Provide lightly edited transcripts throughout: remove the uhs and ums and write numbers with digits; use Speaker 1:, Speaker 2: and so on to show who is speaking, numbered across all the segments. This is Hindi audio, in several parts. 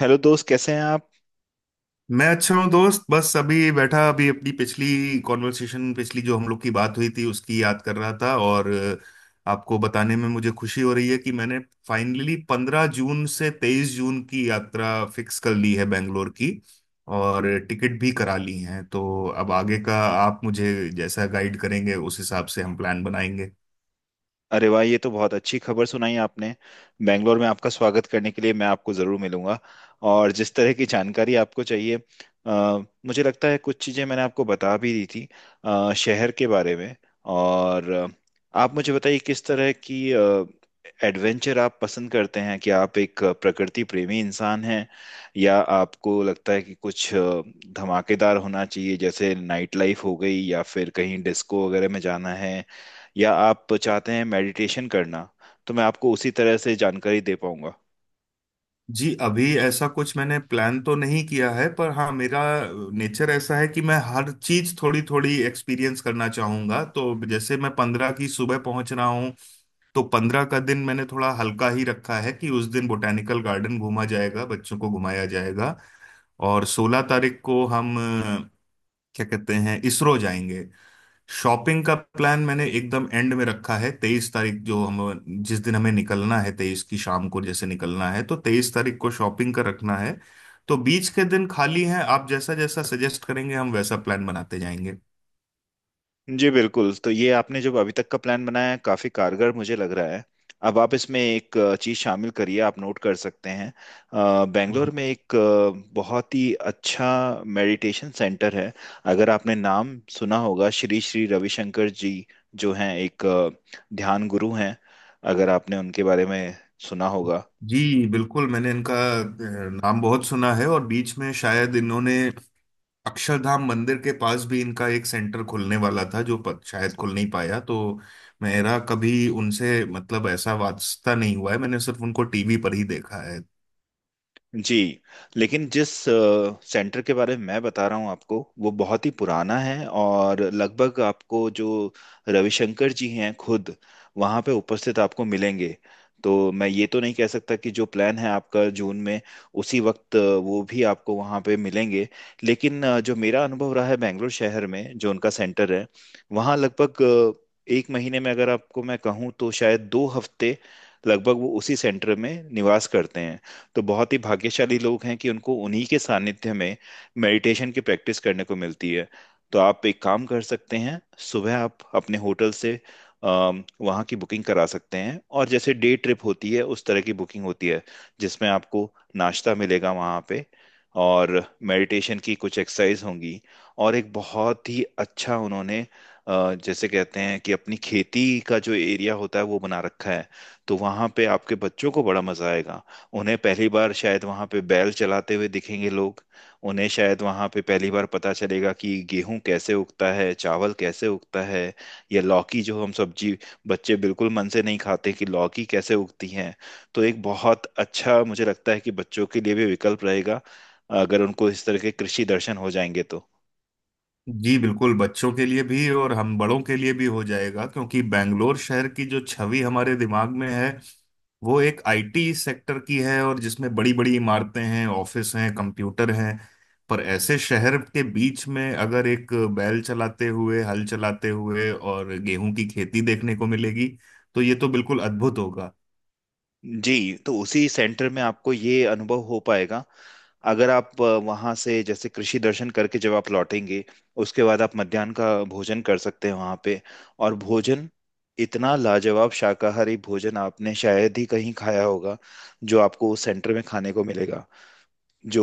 Speaker 1: हेलो दोस्त, कैसे हैं आप?
Speaker 2: मैं अच्छा हूँ दोस्त। बस अभी बैठा, अभी अपनी पिछली कॉन्वर्सेशन पिछली जो हम लोग की बात हुई थी उसकी याद कर रहा था। और आपको बताने में मुझे खुशी हो रही है कि मैंने फाइनली 15 जून से 23 जून की यात्रा फिक्स कर ली है बेंगलोर की। और टिकट भी करा ली है। तो अब आगे का आप मुझे जैसा गाइड करेंगे उस हिसाब से हम प्लान बनाएंगे।
Speaker 1: अरे वाह, ये तो बहुत अच्छी खबर सुनाई आपने। बेंगलोर में आपका स्वागत करने के लिए मैं आपको ज़रूर मिलूंगा। और जिस तरह की जानकारी आपको चाहिए, मुझे लगता है कुछ चीज़ें मैंने आपको बता भी दी थी, शहर के बारे में। और आप मुझे बताइए किस तरह की एडवेंचर आप पसंद करते हैं, कि आप एक प्रकृति प्रेमी इंसान हैं, या आपको लगता है कि कुछ धमाकेदार होना चाहिए, जैसे नाइट लाइफ हो गई, या फिर कहीं डिस्को वगैरह में जाना है, या आप चाहते हैं मेडिटेशन करना। तो मैं आपको उसी तरह से जानकारी दे पाऊंगा।
Speaker 2: जी, अभी ऐसा कुछ मैंने प्लान तो नहीं किया है, पर हाँ मेरा नेचर ऐसा है कि मैं हर चीज थोड़ी थोड़ी एक्सपीरियंस करना चाहूंगा। तो जैसे मैं 15 की सुबह पहुंच रहा हूँ, तो 15 का दिन मैंने थोड़ा हल्का ही रखा है कि उस दिन बोटेनिकल गार्डन घूमा जाएगा, बच्चों को घुमाया जाएगा। और 16 तारीख को हम क्या कहते हैं इसरो जाएंगे। शॉपिंग का प्लान मैंने एकदम एंड में रखा है। 23 तारीख, जो हम, जिस दिन हमें निकलना है, 23 की शाम को जैसे निकलना है, तो 23 तारीख को शॉपिंग का रखना है। तो बीच के दिन खाली हैं। आप जैसा जैसा सजेस्ट करेंगे हम वैसा प्लान बनाते जाएंगे।
Speaker 1: जी बिल्कुल। तो ये आपने जो अभी तक का प्लान बनाया है, काफी कारगर मुझे लग रहा है। अब आप इसमें एक चीज शामिल करिए, आप नोट कर सकते हैं। बेंगलोर
Speaker 2: हम्म।
Speaker 1: में एक बहुत ही अच्छा मेडिटेशन सेंटर है। अगर आपने नाम सुना होगा श्री श्री रविशंकर जी, जो हैं एक ध्यान गुरु हैं, अगर आपने उनके बारे में सुना होगा।
Speaker 2: जी बिल्कुल, मैंने इनका अ, नाम बहुत सुना है। और बीच में शायद इन्होंने अक्षरधाम मंदिर के पास भी इनका एक सेंटर खुलने वाला था, जो शायद खुल नहीं पाया। तो मेरा कभी उनसे, मतलब, ऐसा वास्ता नहीं हुआ है। मैंने सिर्फ उनको टीवी पर ही देखा है।
Speaker 1: जी। लेकिन जिस सेंटर के बारे में मैं बता रहा हूँ आपको, वो बहुत ही पुराना है। और लगभग आपको जो रविशंकर जी हैं खुद, वहाँ पे उपस्थित आपको मिलेंगे। तो मैं ये तो नहीं कह सकता कि जो प्लान है आपका जून में, उसी वक्त वो भी आपको वहाँ पे मिलेंगे। लेकिन जो मेरा अनुभव रहा है बेंगलोर शहर में, जो उनका सेंटर है, वहाँ लगभग एक महीने में अगर आपको मैं कहूँ तो शायद 2 हफ्ते लगभग वो उसी सेंटर में निवास करते हैं। तो बहुत ही भाग्यशाली लोग हैं कि उनको उन्हीं के सानिध्य में मेडिटेशन की प्रैक्टिस करने को मिलती है। तो आप एक काम कर सकते हैं, सुबह आप अपने होटल से वहाँ की बुकिंग करा सकते हैं। और जैसे डे ट्रिप होती है, उस तरह की बुकिंग होती है जिसमें आपको नाश्ता मिलेगा वहाँ पे, और मेडिटेशन की कुछ एक्सरसाइज होंगी। और एक बहुत ही अच्छा उन्होंने, जैसे कहते हैं कि अपनी खेती का जो एरिया होता है, वो बना रखा है। तो वहाँ पे आपके बच्चों को बड़ा मजा आएगा। उन्हें पहली बार शायद वहां पे बैल चलाते हुए दिखेंगे लोग। उन्हें शायद वहां पे पहली बार पता चलेगा कि गेहूं कैसे उगता है, चावल कैसे उगता है, या लौकी, जो हम सब्जी, बच्चे बिल्कुल मन से नहीं खाते, कि लौकी कैसे उगती है। तो एक बहुत अच्छा मुझे लगता है कि बच्चों के लिए भी विकल्प रहेगा, अगर उनको इस तरह के कृषि दर्शन हो जाएंगे तो।
Speaker 2: जी बिल्कुल, बच्चों के लिए भी और हम बड़ों के लिए भी हो जाएगा, क्योंकि बेंगलोर शहर की जो छवि हमारे दिमाग में है वो एक आईटी सेक्टर की है, और जिसमें बड़ी बड़ी इमारतें हैं, ऑफिस हैं, कंप्यूटर हैं। पर ऐसे शहर के बीच में अगर एक बैल चलाते हुए, हल चलाते हुए और गेहूं की खेती देखने को मिलेगी, तो ये तो बिल्कुल अद्भुत होगा।
Speaker 1: जी। तो उसी सेंटर में आपको ये अनुभव हो पाएगा। अगर आप वहां से जैसे कृषि दर्शन करके जब आप लौटेंगे, उसके बाद आप मध्याह्न का भोजन कर सकते हैं वहां पे। और भोजन, इतना लाजवाब शाकाहारी भोजन आपने शायद ही कहीं खाया होगा, जो आपको उस सेंटर में खाने को मिलेगा। जो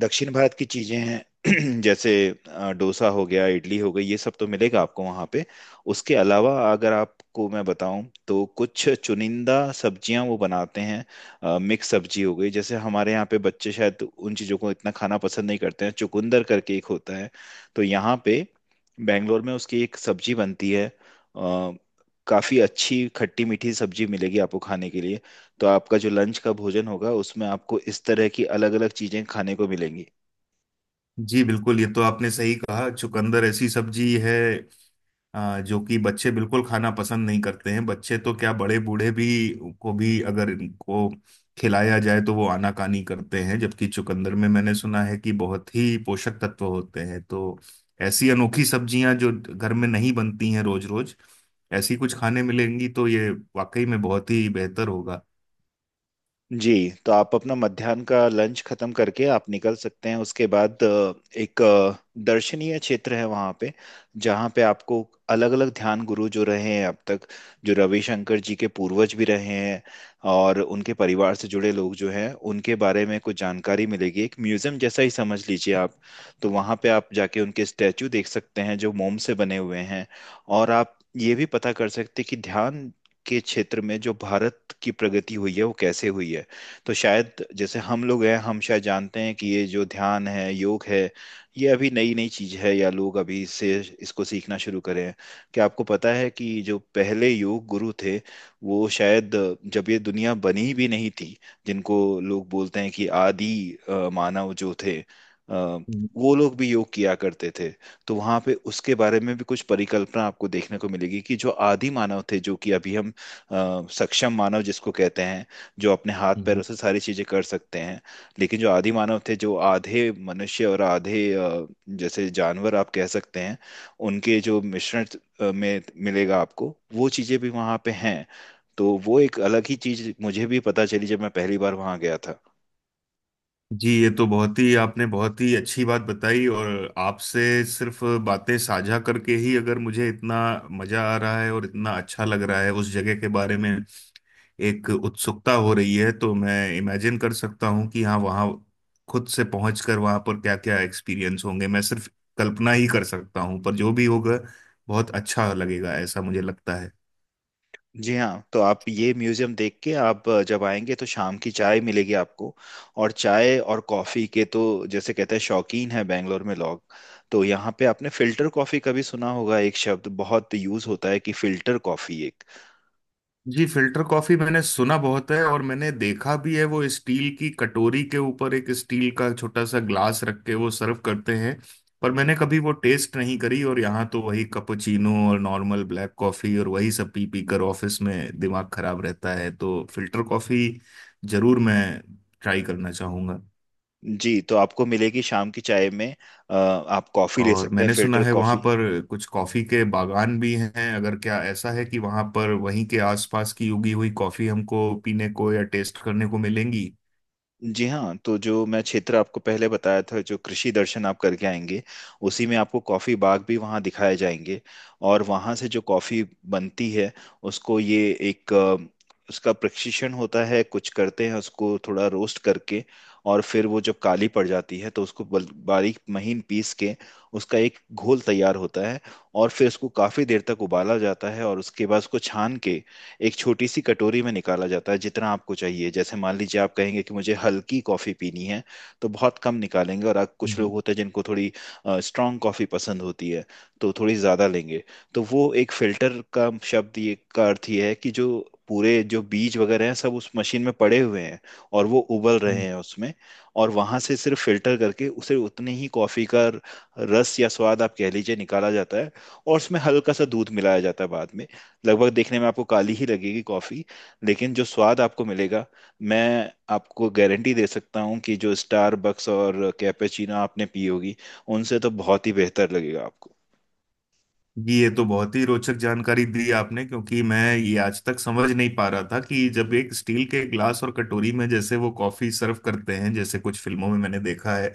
Speaker 1: दक्षिण भारत की चीजें हैं, जैसे डोसा हो गया, इडली हो गई, ये सब तो मिलेगा आपको वहाँ पे। उसके अलावा अगर आपको मैं बताऊं, तो कुछ चुनिंदा सब्जियां वो बनाते हैं। मिक्स सब्जी हो गई। जैसे हमारे यहाँ पे बच्चे शायद उन चीज़ों को इतना खाना पसंद नहीं करते हैं, चुकंदर करके एक होता है, तो यहाँ पे बैंगलोर में उसकी एक सब्जी बनती है। अ, काफी अच्छी खट्टी मीठी सब्जी मिलेगी आपको खाने के लिए। तो आपका जो लंच का भोजन होगा, उसमें आपको इस तरह की अलग अलग चीजें खाने को मिलेंगी।
Speaker 2: जी बिल्कुल, ये तो आपने सही कहा। चुकंदर ऐसी सब्जी है जो कि बच्चे बिल्कुल खाना पसंद नहीं करते हैं। बच्चे तो क्या, बड़े बूढ़े भी को भी अगर इनको खिलाया जाए तो वो आनाकानी करते हैं, जबकि चुकंदर में मैंने सुना है कि बहुत ही पोषक तत्व होते हैं। तो ऐसी अनोखी सब्जियां जो घर में नहीं बनती हैं रोज रोज, ऐसी कुछ खाने मिलेंगी तो ये वाकई में बहुत ही बेहतर होगा।
Speaker 1: जी। तो आप अपना मध्याह्न का लंच खत्म करके आप निकल सकते हैं। उसके बाद एक दर्शनीय क्षेत्र है वहाँ पे, जहाँ पे आपको अलग अलग ध्यान गुरु जो रहे हैं अब तक, जो रविशंकर जी के पूर्वज भी रहे हैं, और उनके परिवार से जुड़े लोग जो हैं, उनके बारे में कुछ जानकारी मिलेगी, एक म्यूजियम जैसा ही समझ लीजिए आप। तो वहाँ पे आप जाके उनके स्टैचू देख सकते हैं जो मोम से बने हुए हैं। और आप ये भी पता कर सकते हैं कि ध्यान के क्षेत्र में जो भारत की प्रगति हुई है, वो कैसे हुई है। तो शायद जैसे हम लोग हैं, हम शायद जानते हैं कि ये जो ध्यान है, योग है, ये अभी नई नई चीज है, या लोग अभी इससे इसको सीखना शुरू करे हैं। क्या आपको पता है कि जो पहले योग गुरु थे, वो शायद जब ये दुनिया बनी भी नहीं थी, जिनको लोग बोलते हैं कि आदि मानव जो थे, वो लोग भी योग किया करते थे। तो वहां पे उसके बारे में भी कुछ परिकल्पना आपको देखने को मिलेगी कि जो आदि मानव थे, जो कि अभी हम सक्षम मानव जिसको कहते हैं, जो अपने हाथ पैरों
Speaker 2: हम्म।
Speaker 1: से सारी चीजें कर सकते हैं। लेकिन जो आदि मानव थे, जो आधे मनुष्य और आधे जैसे जानवर आप कह सकते हैं, उनके जो मिश्रण में मिलेगा आपको, वो चीजें भी वहां पे हैं। तो वो एक अलग ही चीज मुझे भी पता चली जब मैं पहली बार वहां गया था।
Speaker 2: जी, ये तो बहुत ही आपने बहुत ही अच्छी बात बताई। और आपसे सिर्फ बातें साझा करके ही अगर मुझे इतना मजा आ रहा है और इतना अच्छा लग रहा है, उस जगह के बारे में एक उत्सुकता हो रही है, तो मैं इमेजिन कर सकता हूँ कि हाँ, वहाँ खुद से पहुँच कर वहाँ पर क्या क्या एक्सपीरियंस होंगे मैं सिर्फ कल्पना ही कर सकता हूँ। पर जो भी होगा बहुत अच्छा लगेगा, ऐसा मुझे लगता है।
Speaker 1: जी हाँ। तो आप ये म्यूजियम देख के आप जब आएंगे, तो शाम की चाय मिलेगी आपको। और चाय और कॉफ़ी के तो, जैसे कहते हैं, शौकीन है बेंगलोर में लोग। तो यहाँ पे आपने फिल्टर कॉफ़ी का भी सुना होगा, एक शब्द बहुत यूज़ होता है कि फिल्टर कॉफ़ी एक।
Speaker 2: जी, फिल्टर कॉफी मैंने सुना बहुत है और मैंने देखा भी है। वो स्टील की कटोरी के ऊपर एक स्टील का छोटा सा ग्लास रख के वो सर्व करते हैं। पर मैंने कभी वो टेस्ट नहीं करी, और यहाँ तो वही कैपुचिनो और नॉर्मल ब्लैक कॉफी, और वही सब पी पी कर ऑफिस में दिमाग खराब रहता है। तो फिल्टर कॉफी जरूर मैं ट्राई करना चाहूंगा।
Speaker 1: जी। तो आपको मिलेगी शाम की चाय में, आप कॉफ़ी ले
Speaker 2: और
Speaker 1: सकते हैं,
Speaker 2: मैंने सुना
Speaker 1: फिल्टर
Speaker 2: है वहाँ
Speaker 1: कॉफ़ी।
Speaker 2: पर कुछ कॉफ़ी के बागान भी हैं। अगर, क्या ऐसा है कि वहाँ पर वहीं के आसपास की उगी हुई कॉफ़ी हमको पीने को या टेस्ट करने को मिलेंगी?
Speaker 1: जी हाँ। तो जो मैं क्षेत्र आपको पहले बताया था, जो कृषि दर्शन आप करके आएंगे, उसी में आपको कॉफ़ी बाग भी वहाँ दिखाए जाएंगे। और वहाँ से जो कॉफ़ी बनती है, उसको ये एक उसका प्रशिक्षण होता है, कुछ करते हैं उसको थोड़ा रोस्ट करके। और फिर वो जब काली पड़ जाती है, तो उसको बारीक महीन पीस के उसका एक घोल तैयार होता है। और फिर उसको काफ़ी देर तक उबाला जाता है, और उसके बाद उसको छान के एक छोटी सी कटोरी में निकाला जाता है, जितना आपको चाहिए। जैसे मान लीजिए आप कहेंगे कि मुझे हल्की कॉफ़ी पीनी है, तो बहुत कम निकालेंगे। और कुछ
Speaker 2: हम्म,
Speaker 1: लोग होते हैं जिनको थोड़ी स्ट्रांग कॉफ़ी पसंद होती है, तो थोड़ी ज़्यादा लेंगे। तो वो एक फिल्टर का शब्द, ये का अर्थ ये है कि जो पूरे जो बीज वगैरह हैं, सब उस मशीन में पड़े हुए हैं, और वो उबल रहे
Speaker 2: हम्म।
Speaker 1: हैं उसमें, और वहां से सिर्फ फिल्टर करके उसे उतनी ही कॉफी का रस या स्वाद आप कह लीजिए निकाला जाता है। और उसमें हल्का सा दूध मिलाया जाता है बाद में। लगभग देखने में आपको काली ही लगेगी कॉफी, लेकिन जो स्वाद आपको मिलेगा, मैं आपको गारंटी दे सकता हूँ कि जो स्टारबक्स और कैपेचिनो आपने पी होगी, उनसे तो बहुत ही बेहतर लगेगा आपको।
Speaker 2: ये तो बहुत ही रोचक जानकारी दी आपने, क्योंकि मैं ये आज तक समझ नहीं पा रहा था कि जब एक स्टील के ग्लास और कटोरी में जैसे वो कॉफी सर्व करते हैं, जैसे कुछ फिल्मों में मैंने देखा है,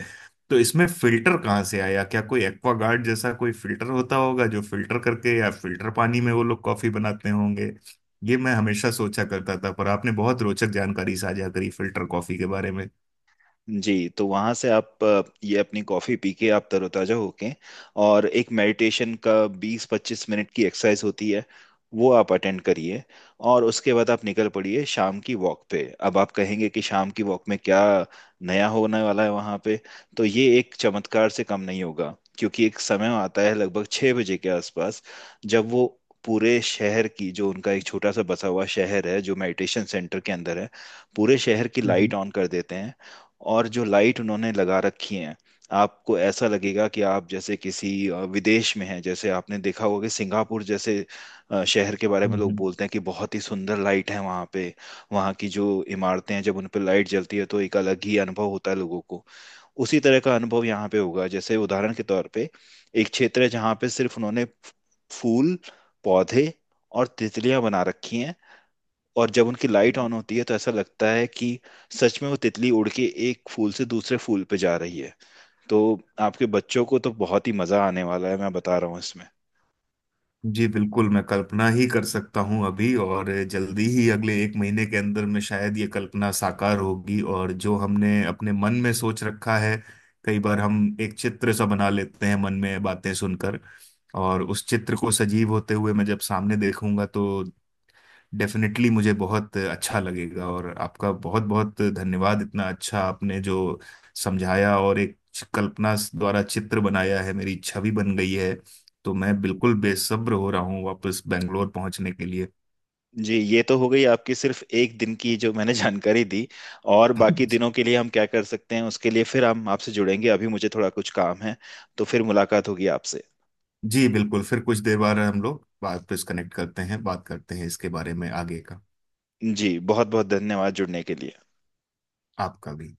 Speaker 2: तो इसमें फिल्टर कहाँ से आया? क्या कोई एक्वागार्ड जैसा कोई फिल्टर होता होगा जो फिल्टर करके या फिल्टर पानी में वो लोग कॉफी बनाते होंगे, ये मैं हमेशा सोचा करता था। पर आपने बहुत रोचक जानकारी साझा करी फिल्टर कॉफी के बारे में।
Speaker 1: जी। तो वहाँ से आप ये अपनी कॉफ़ी पी के आप तरोताज़ा होके, और एक मेडिटेशन का 20-25 मिनट की एक्सरसाइज होती है, वो आप अटेंड करिए। और उसके बाद आप निकल पड़िए शाम की वॉक पे। अब आप कहेंगे कि शाम की वॉक में क्या नया होने वाला है वहाँ पे। तो ये एक चमत्कार से कम नहीं होगा, क्योंकि एक समय आता है लगभग 6 बजे के आसपास, जब वो पूरे शहर की, जो उनका एक छोटा सा बसा हुआ शहर है जो मेडिटेशन सेंटर के अंदर है, पूरे शहर की लाइट
Speaker 2: हम्म,
Speaker 1: ऑन कर देते हैं। और जो लाइट उन्होंने लगा रखी है, आपको ऐसा लगेगा कि आप जैसे किसी विदेश में हैं। जैसे आपने देखा होगा कि सिंगापुर जैसे शहर के बारे में लोग
Speaker 2: हम्म।
Speaker 1: बोलते हैं कि बहुत ही सुंदर लाइट है वहाँ पे, वहाँ की जो इमारतें हैं, जब उन पर लाइट जलती है, तो एक अलग ही अनुभव होता है लोगों को। उसी तरह का अनुभव यहाँ पे होगा। जैसे उदाहरण के तौर पे, एक क्षेत्र है जहाँ पे सिर्फ उन्होंने फूल, पौधे और तितलियां बना रखी हैं। और जब उनकी लाइट ऑन होती है, तो ऐसा लगता है कि सच में वो तितली उड़ के एक फूल से दूसरे फूल पे जा रही है। तो आपके बच्चों को तो बहुत ही मजा आने वाला है, मैं बता रहा हूँ, इसमें।
Speaker 2: जी बिल्कुल, मैं कल्पना ही कर सकता हूँ अभी। और जल्दी ही अगले 1 महीने के अंदर में शायद ये कल्पना साकार होगी। और जो हमने अपने मन में सोच रखा है, कई बार हम एक चित्र सा बना लेते हैं मन में बातें सुनकर, और उस चित्र को सजीव होते हुए मैं जब सामने देखूंगा तो डेफिनेटली मुझे बहुत अच्छा लगेगा। और आपका बहुत बहुत धन्यवाद। इतना अच्छा आपने जो समझाया और एक कल्पना द्वारा चित्र बनाया है, मेरी छवि बन गई है। तो मैं बिल्कुल बेसब्र हो रहा हूँ वापस बेंगलोर पहुंचने के लिए।
Speaker 1: जी ये तो हो गई आपकी सिर्फ एक दिन की जो मैंने जानकारी दी। और बाकी दिनों के लिए हम क्या कर सकते हैं, उसके लिए फिर हम आपसे जुड़ेंगे। अभी मुझे थोड़ा कुछ काम है, तो फिर मुलाकात होगी आपसे।
Speaker 2: जी बिल्कुल, फिर कुछ देर बाद हम लोग वापस कनेक्ट करते हैं, बात करते हैं इसके बारे में आगे का।
Speaker 1: जी बहुत बहुत धन्यवाद जुड़ने के लिए।
Speaker 2: आपका भी।